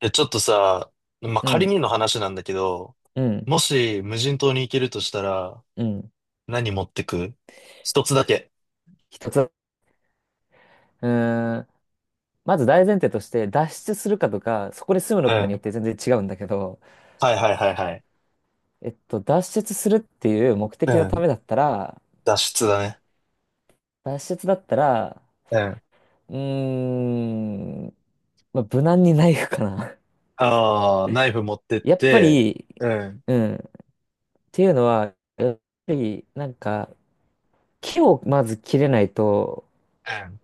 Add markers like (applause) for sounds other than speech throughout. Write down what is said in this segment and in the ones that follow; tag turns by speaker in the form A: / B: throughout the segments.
A: で、ちょっとさ、
B: う
A: 仮
B: ん、
A: にの話なんだけど、
B: うん、
A: もし無人島に行けるとしたら、
B: うん。
A: 何持ってく？一つだけ。
B: 一つ。ーん、まず大前提として、脱出するかとか、そこで住む
A: う
B: のかによ
A: ん。
B: って全然違うんだけど、
A: はいはいはいはい。
B: 脱出するっていう目
A: う
B: 的のた
A: ん。
B: めだったら、
A: 脱出だね。
B: 脱出だったら、
A: うん。
B: うーん、まあ、無難にナイフかな。
A: ああ、ナイフ持ってっ
B: (laughs) やっぱ
A: て、
B: り、
A: うん。
B: うん、っていうのは、やっぱり、なんか、木をまず切れないと、
A: うん。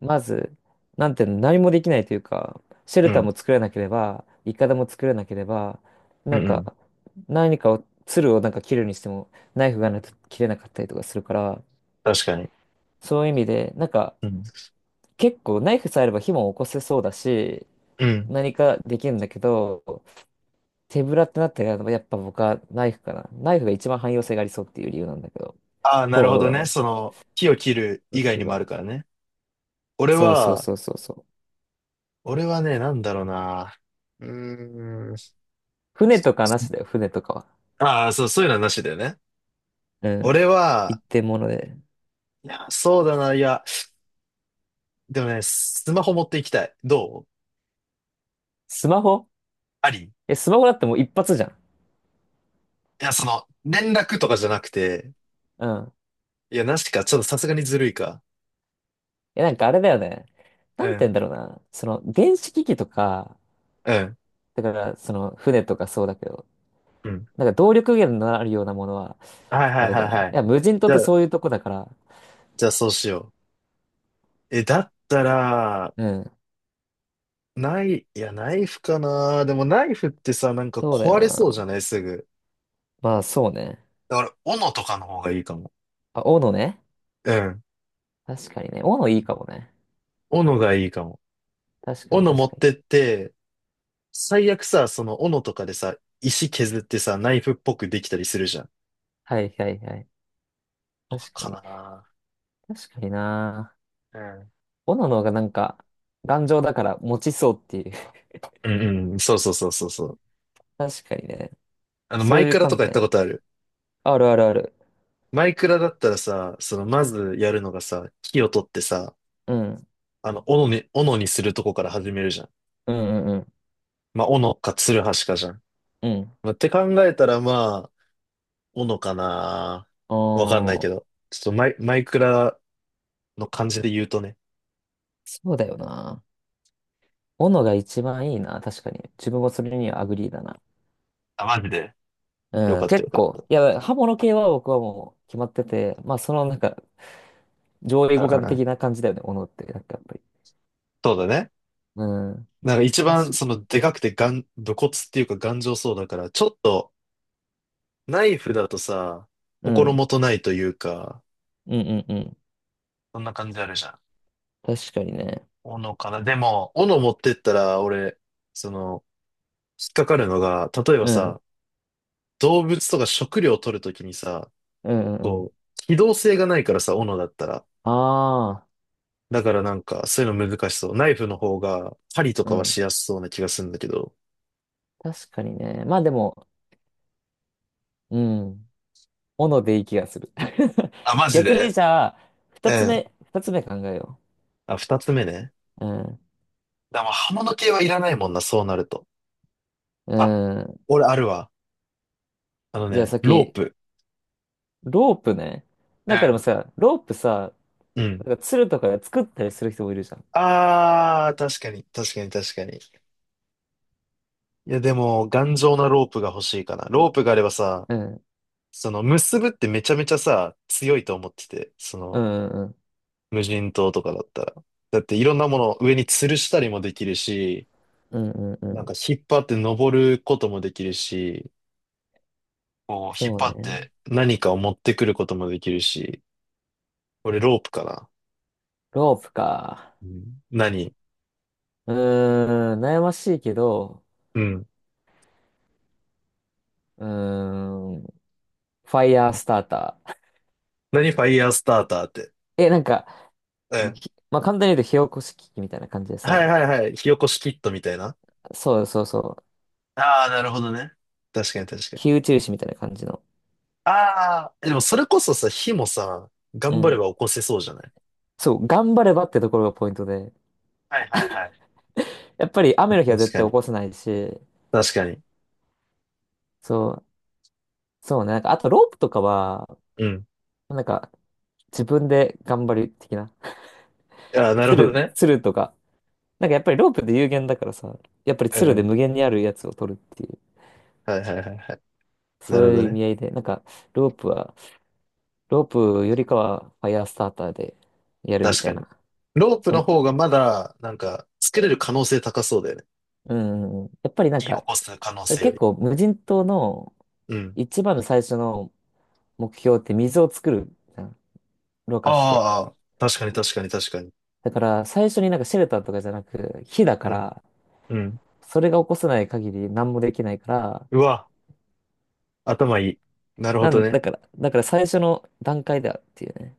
B: まず、なんていうの、何もできないというか、シェ
A: う
B: ルター
A: ん。
B: も作れなければ、いかだも作れなければ、
A: うん
B: な
A: う
B: ん
A: んうんう
B: か、
A: ん、
B: 何かを、鶴をなんか切るにしても、ナイフがないと切れなかったりとかするから、
A: 確かに。
B: そういう意味で、なんか、
A: うん。
B: 結構ナイフさえあれば火も起こせそうだし、
A: うん。
B: 何かできるんだけど、手ぶらってなったら、やっぱ僕はナイフかな。ナイフが一番汎用性がありそうっていう理由なんだけど。
A: ああ、な
B: こう
A: る
B: は
A: ほ
B: どう
A: ど
B: な
A: ね。
B: の？
A: その、木を切る以外
B: 私
A: にもある
B: は。
A: からね。俺
B: そうそう
A: は、
B: そうそうそう。
A: 俺はね、なんだろうな。うーん。
B: 船とかなしだよ、船とかは。
A: ああ、そう、そういうのはなしだよね。
B: うん。
A: 俺
B: 一
A: は、
B: 点物で。
A: いや、そうだな。いや、でもね、スマホ持っていきたい。どう？
B: スマホ。
A: ありい
B: え、スマホだってもう一発じゃん。
A: その、連絡とかじゃなくて、
B: うん。
A: いや、なしか、ちょっとさすがにずるいか。
B: え、なんかあれだよね。
A: う
B: なんて言うん
A: ん、
B: だろうな。その、電子機器とか、
A: うん、
B: だから、その、船とかそうだけど、
A: うん。
B: なんか動力源のあるようなものは、
A: はいは
B: あ
A: い
B: れ
A: は
B: だ
A: い
B: よね。
A: は
B: い
A: い。
B: や、無人島
A: じ
B: っ
A: ゃ
B: て
A: あ、
B: そういうとこだから。
A: じゃあそうしよう。え、だったら、
B: うん。
A: ない、いや、ナイフかな。でもナイフってさ、なんか
B: そうだよ
A: 壊れそうじゃ
B: な。
A: ない？すぐ。
B: まあ、そうね。
A: だから、斧とかの方がいいかも。
B: あ、斧ね。
A: うん。
B: 確かにね。斧いいかもね。
A: 斧がいいかも。
B: 確かに、
A: 斧持
B: 確か
A: っ
B: に。
A: てって、最悪さ、その斧とかでさ、石削ってさ、ナイフっぽくできたりするじゃん。
B: はいはいはい。
A: とか
B: 確か
A: か
B: に。
A: な。
B: 確かにな。
A: うん。
B: 斧の方がなんか、頑丈だから持ちそうっていう。
A: うんうん、そうそうそうそうそう。
B: (laughs) 確かにね。
A: あの、マ
B: そう
A: イ
B: いう
A: クラと
B: 観
A: かやった
B: 点。
A: ことある？
B: あるあるある。
A: マイクラだったらさ、その、まずやるのがさ、木を取ってさ、
B: うん。
A: あの、斧に、斧にするとこから始めるじゃん。
B: うんうんうん。
A: 斧か、ツルハシかじゃん。
B: うん。
A: まあ、って考えたら、まあ、斧かな。
B: お
A: わかんないけ
B: ー、
A: ど。ちょっとマイ、マイクラの感じで言うとね。
B: そうだよな。斧が一番いいな。確かに。自分はそれにはアグリーだな。
A: あ、マジで？よ
B: うん。
A: かった
B: 結
A: よか
B: 構。
A: っ
B: いや、刃物系は僕はもう決まってて、まあそのなんか、上位
A: た。う
B: 互
A: んう
B: 換
A: んう
B: 的
A: ん。
B: な感じだよね。斧って。なんかやっぱり。
A: そうだね。
B: うん。
A: なんか一
B: 確
A: 番、
B: か、
A: その、でかくてがん、武骨っていうか頑丈そうだから、ちょっと、ナイフだとさ、
B: う
A: 心
B: ん。
A: もとないというか、
B: うんうんうん。
A: そんな感じあるじゃん。
B: 確かにね。
A: 斧かな。でも、斧持ってったら、俺、その、引っかかるのが、例えば
B: うん。
A: さ、動物とか食料を取るときにさ、
B: うんうんうん。
A: こう、機動性がないからさ、斧だったら。
B: ああ。
A: だからなんか、そういうの難しそう。ナイフの方が、針と
B: う
A: かは
B: ん。
A: しやすそうな気がするんだけど。
B: 確かにね。まあでも、うん。斧でいい気がする。(laughs)
A: あ、マジ
B: 逆に
A: で？
B: じゃあ、
A: う
B: 二つ
A: ん。
B: 目、二つ目考えよ
A: あ、二つ目ね。
B: う。う
A: でも刃物系はいらないもんな、そうなると。
B: ん。う
A: あ、
B: ん。
A: 俺あるわ。あの
B: じゃあ
A: ね、ロー
B: 先、
A: プ。
B: ロープね。
A: う
B: なんかでも
A: ん。
B: さ、ロープさ、
A: うん。
B: なんか鶴とかで作ったりする人もいるじゃん。
A: ああ、確かに、確かに、確かに。いや、でも、頑丈なロープが欲しいかな。ロープがあればさ、
B: うん。
A: その、結ぶってめちゃめちゃさ、強いと思ってて、そ
B: う
A: の、
B: んうん
A: 無人島とかだったら。だって、いろんなものを上に吊るしたりもできるし、
B: うん。うんうんう
A: なん
B: ん。
A: か引っ張って登ることもできるし、こう、引っ
B: そう
A: 張っ
B: ね。
A: て何かを持ってくることもできるし、これロープかな。
B: ロープか。
A: うん何？
B: 悩ましいけど、
A: うん。
B: うーん。ファイヤースターター。
A: 何？ファイヤースターターって。
B: (laughs) え、なんか、
A: うん。
B: まあ、簡単に言うと火起こし器みたいな感じで
A: はい
B: さ、
A: はいはい。火起こしキットみたいな。
B: そうそうそう。
A: ああ、なるほどね。確かに確か
B: 火
A: に。
B: 打ち石みたいな感じの。
A: ああ、でもそれこそさ、火もさ、
B: う
A: 頑張れば
B: ん。
A: 起こせそうじゃない？
B: そう、頑張ればってところがポイントで。
A: はいはいはい。
B: やっぱり雨の
A: 確
B: 日は絶
A: か
B: 対起
A: に。
B: こせないし、
A: 確かに。
B: そう、そうね。なんか、あとロープとかは、
A: うん。
B: なんか、自分で頑張る的な。
A: ああ、なる
B: つ
A: ほど
B: る、
A: ね。
B: つるとか。なんかやっぱりロープで有限だからさ、やっぱり
A: う
B: つ
A: んう
B: るで
A: ん。
B: 無限にあるやつを取るっていう、
A: はいはいはいはい。な
B: そう
A: るほど
B: いう意
A: ね。
B: 味合いで、なんか、ロープは、ロープよりかはファイヤースターターでやるみ
A: 確
B: た
A: か
B: い
A: に。
B: な。
A: ロープ
B: そ
A: の
B: ん、
A: 方がまだ、なんか、作れる可能性高そうだよね。
B: うん、やっぱりなん
A: 火起
B: か、
A: こす可能性よ
B: 結
A: り。
B: 構無人島の
A: うん。
B: 一番の最初の目標って水を作る。ろ過して。
A: ああ、確かに確かに確かに。
B: だから、最初になんかシェルターとかじゃなく、火だか
A: うん。
B: ら、
A: うん。
B: それが起こさない限り何もできないから、
A: うわ、頭いい。なるほ
B: な
A: ど
B: ん、だ
A: ね。
B: から、だから最初の段階だっていうね。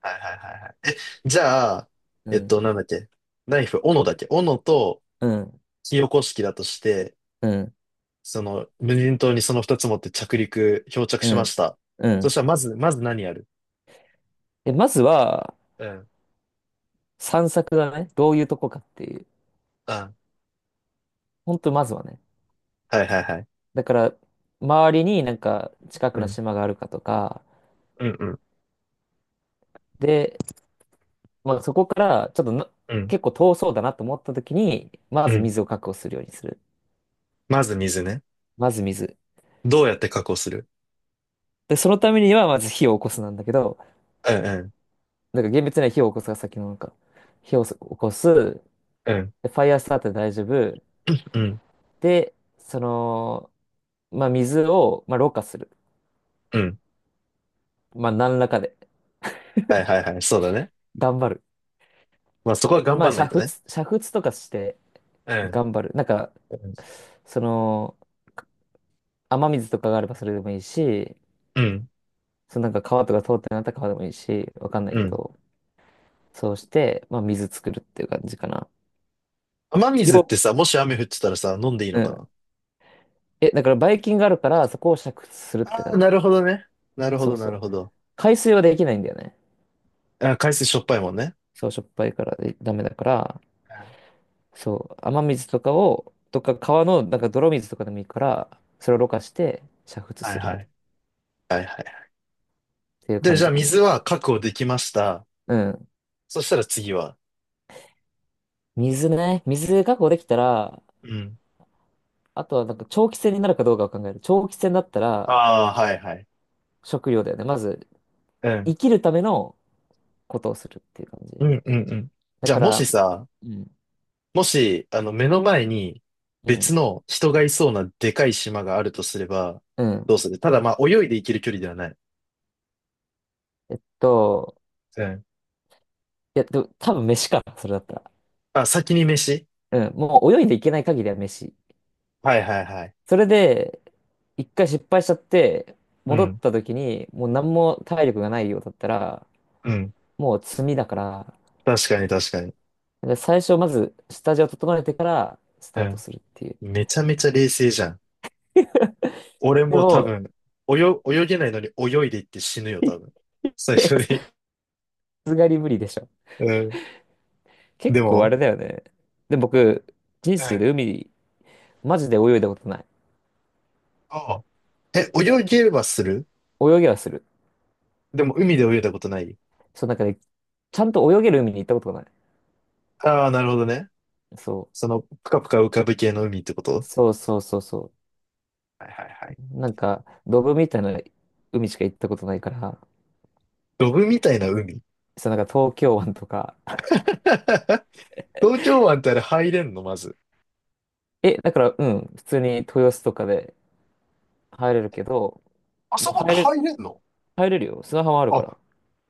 A: はいはいはいはい。え、じゃあ、
B: うん、
A: なんだっけ。ナイフ、斧だっけ。斧と
B: うん、
A: 火起こし器だとして、
B: うん、
A: その、無人島にその二つ持って着陸、漂着
B: う
A: しま
B: ん、
A: した。
B: う
A: そし
B: ん。
A: たら、まず、まず何やる？
B: で、まずは、
A: うん。
B: 散策だね。どういうとこかっていう。
A: うん。は
B: ほんと、まずはね。
A: いはいはい。
B: だから、周りになんか近
A: う
B: くの
A: ん。
B: 島があるかとか、
A: うんうん。
B: で、まあ、そこからちょっとな
A: うん。
B: 結構遠そうだなと思った時に、ま
A: う
B: ず
A: ん。
B: 水を確保するようにする。
A: まず水ね。
B: まず水。
A: どうやって確保する？
B: で、そのためには、まず火を起こすなんだけど、
A: うんうん。
B: なんか厳密には火を起こすが先のなんか、火を起こす、
A: うん。
B: でファイアースタートで大丈夫。
A: うん。
B: で、その、まあ、水を、まあ、ろ過する。
A: うん。
B: まあ、何らかで、
A: はいはいはい。そうだね。
B: 頑張る。
A: まあそこは頑
B: ま
A: 張
B: あ、煮
A: んな
B: 沸、
A: いとね。
B: 煮沸とかして
A: うん。
B: 頑張る。なんか、
A: うん。
B: その、雨水とかがあればそれでもいいし、
A: うん。
B: そのなんか川とか通ってなかったら川でもいいし、わかんな
A: う
B: いけ
A: ん。
B: ど、そうして、まあ、水作るっていう感じかな。
A: 雨水って
B: よ、
A: さ、もし雨降ってたらさ、飲んでいい
B: う
A: のか
B: ん。
A: な？
B: え、だから、ばい菌があるから、そこを煮沸するって
A: あ、
B: 感
A: な
B: じ。
A: るほどね。なるほ
B: そ
A: ど、
B: う
A: な
B: そ
A: る
B: う。
A: ほど。
B: 海水はできないんだよね。
A: あ、海水しょっぱいもんね。
B: そう、しょっぱいからダメだから、そう、雨水とかを、とか川のなんか泥水とかでもいいから、それをろ過して煮沸
A: はい
B: する
A: は
B: みたい
A: い。
B: な、
A: はいはい。
B: っていう
A: で、
B: 感
A: じゃあ
B: じかな。
A: 水は確保できました。
B: うん。
A: そしたら次は。
B: 水ね。水確保できたら、
A: うん。
B: あとはなんか長期戦になるかどうかを考える。長期戦だったら、
A: ああ、はいはい。
B: 食料だよね。まず、
A: うん。
B: 生きるためのことをするっていう感じ。
A: うんうんうん。
B: だ
A: じゃあ
B: か
A: もし
B: ら、
A: さ、
B: うん、
A: もし、あの、目の前に
B: うん、
A: 別の人がいそうなでかい島があるとすれば、
B: うん。
A: どうする？ただまあ泳いで行ける距離ではない。
B: えっと、
A: うん。
B: いや、でも多分飯か、それだったら。
A: あ、先に飯？
B: うん、もう泳いでいけない限りは飯。
A: はいはいはい。
B: それで、一回失敗しちゃって、
A: う
B: 戻っ
A: ん。
B: た時に、もう何も体力がないようだったら、
A: うん。
B: もう積みだから、
A: 確かに確かに。
B: で最初まず下地を整えてからス
A: う
B: タート
A: ん。
B: するっていう。
A: めちゃめちゃ冷静じゃん。俺
B: で
A: も多
B: も、
A: 分、泳、泳げないのに泳いでいって死ぬ
B: (laughs)
A: よ、
B: い
A: 多分。最初
B: やさ
A: に。
B: すがに無理でしょ。
A: (laughs) うん。
B: 結
A: で
B: 構あ
A: も、
B: れだよね。で、僕、人
A: うん。
B: 生
A: あ
B: で海、マジで泳いだことない。
A: あ、え、泳げればする？
B: 泳ぎはする。
A: でも海で泳いだことない？
B: そう、なんかね、ちゃんと泳げる海に行ったことがない。
A: ああー、なるほどね。
B: そ
A: その、ぷかぷか浮かぶ系の海ってこ
B: う。
A: と？
B: そうそうそうそ
A: はいはいはい。
B: う。なんか、ドブみたいな海しか行ったことないから、
A: ロブみたいな海？
B: そう、なんか東京湾とか。(laughs)
A: (laughs) 東京湾ってあれ入れんの？まず。
B: え、だから、うん、普通に豊洲とかで入れるけど、
A: あそ
B: もう
A: こって
B: 入れ、
A: 入れんの？
B: 入れるよ。砂浜あるか
A: あ、
B: ら。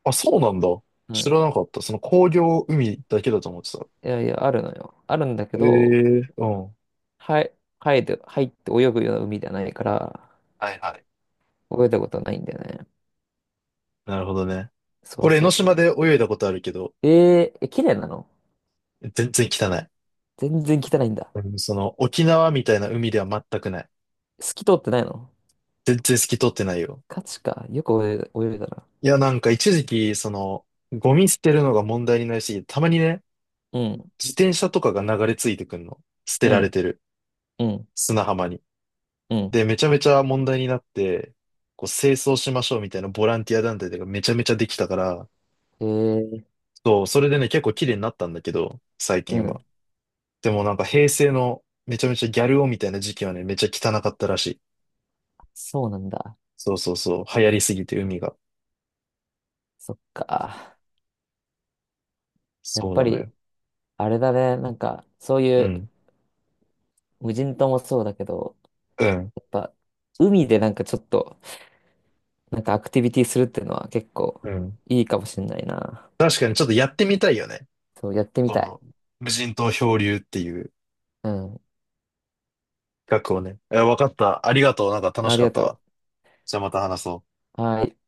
A: あ、そうなんだ。
B: う
A: 知
B: ん。
A: らなかった。その工業海だけだと思ってた。
B: いやいや、あるのよ。あるんだけ
A: え
B: ど、
A: え、うん。は
B: はい、入って泳ぐような海ではないから、
A: いはい。
B: 泳いだことはないんだよね。
A: なるほどね。
B: そう
A: 俺、江
B: そ
A: ノ
B: うそ
A: 島
B: う。
A: で泳いだことあるけど、
B: え、綺麗なの？
A: 全然汚い。
B: 全然汚いんだ。
A: うん、その、沖縄みたいな海では全くない。
B: 透き通ってないの？
A: 全然透き通ってないよ。
B: ガチか。よく泳いだな。
A: いや、なんか一時期、その、ゴミ捨てるのが問題になりすぎて、たまにね、
B: うん、
A: 自転車とかが流れ着いてくんの。捨て
B: う
A: られ
B: ん、
A: てる。
B: うん、
A: 砂浜に。
B: うん。
A: で、めちゃめちゃ問題になって、こう、清掃しましょうみたいなボランティア団体とかめちゃめちゃできたから、
B: えー、
A: そう、それでね、結構綺麗になったんだけど、最
B: う
A: 近は。
B: ん。
A: でもなんか平成のめちゃめちゃギャル男みたいな時期はね、めちゃ汚かったらしい。
B: そうなんだ。
A: そうそうそう、流行りすぎて海が。
B: そっか。やっ
A: そう
B: ぱ
A: なの
B: り、
A: よ。
B: あれだね、なんか、そうい
A: う
B: う
A: ん。
B: 無人島もそうだけど、
A: うん。
B: やっぱ、海でなんかちょっと、なんかアクティビティするっていうのは結構
A: うん。
B: いいかもしんないな。
A: 確かにちょっとやってみたいよね。
B: そう、やってみ
A: こ
B: たい。
A: の、無人島漂流っていう
B: うん。
A: 企画をね。え、わかった。ありがとう。なんか楽
B: あ
A: し
B: り
A: かっ
B: が
A: たわ。
B: と
A: じゃあまた話そう。
B: う。はい。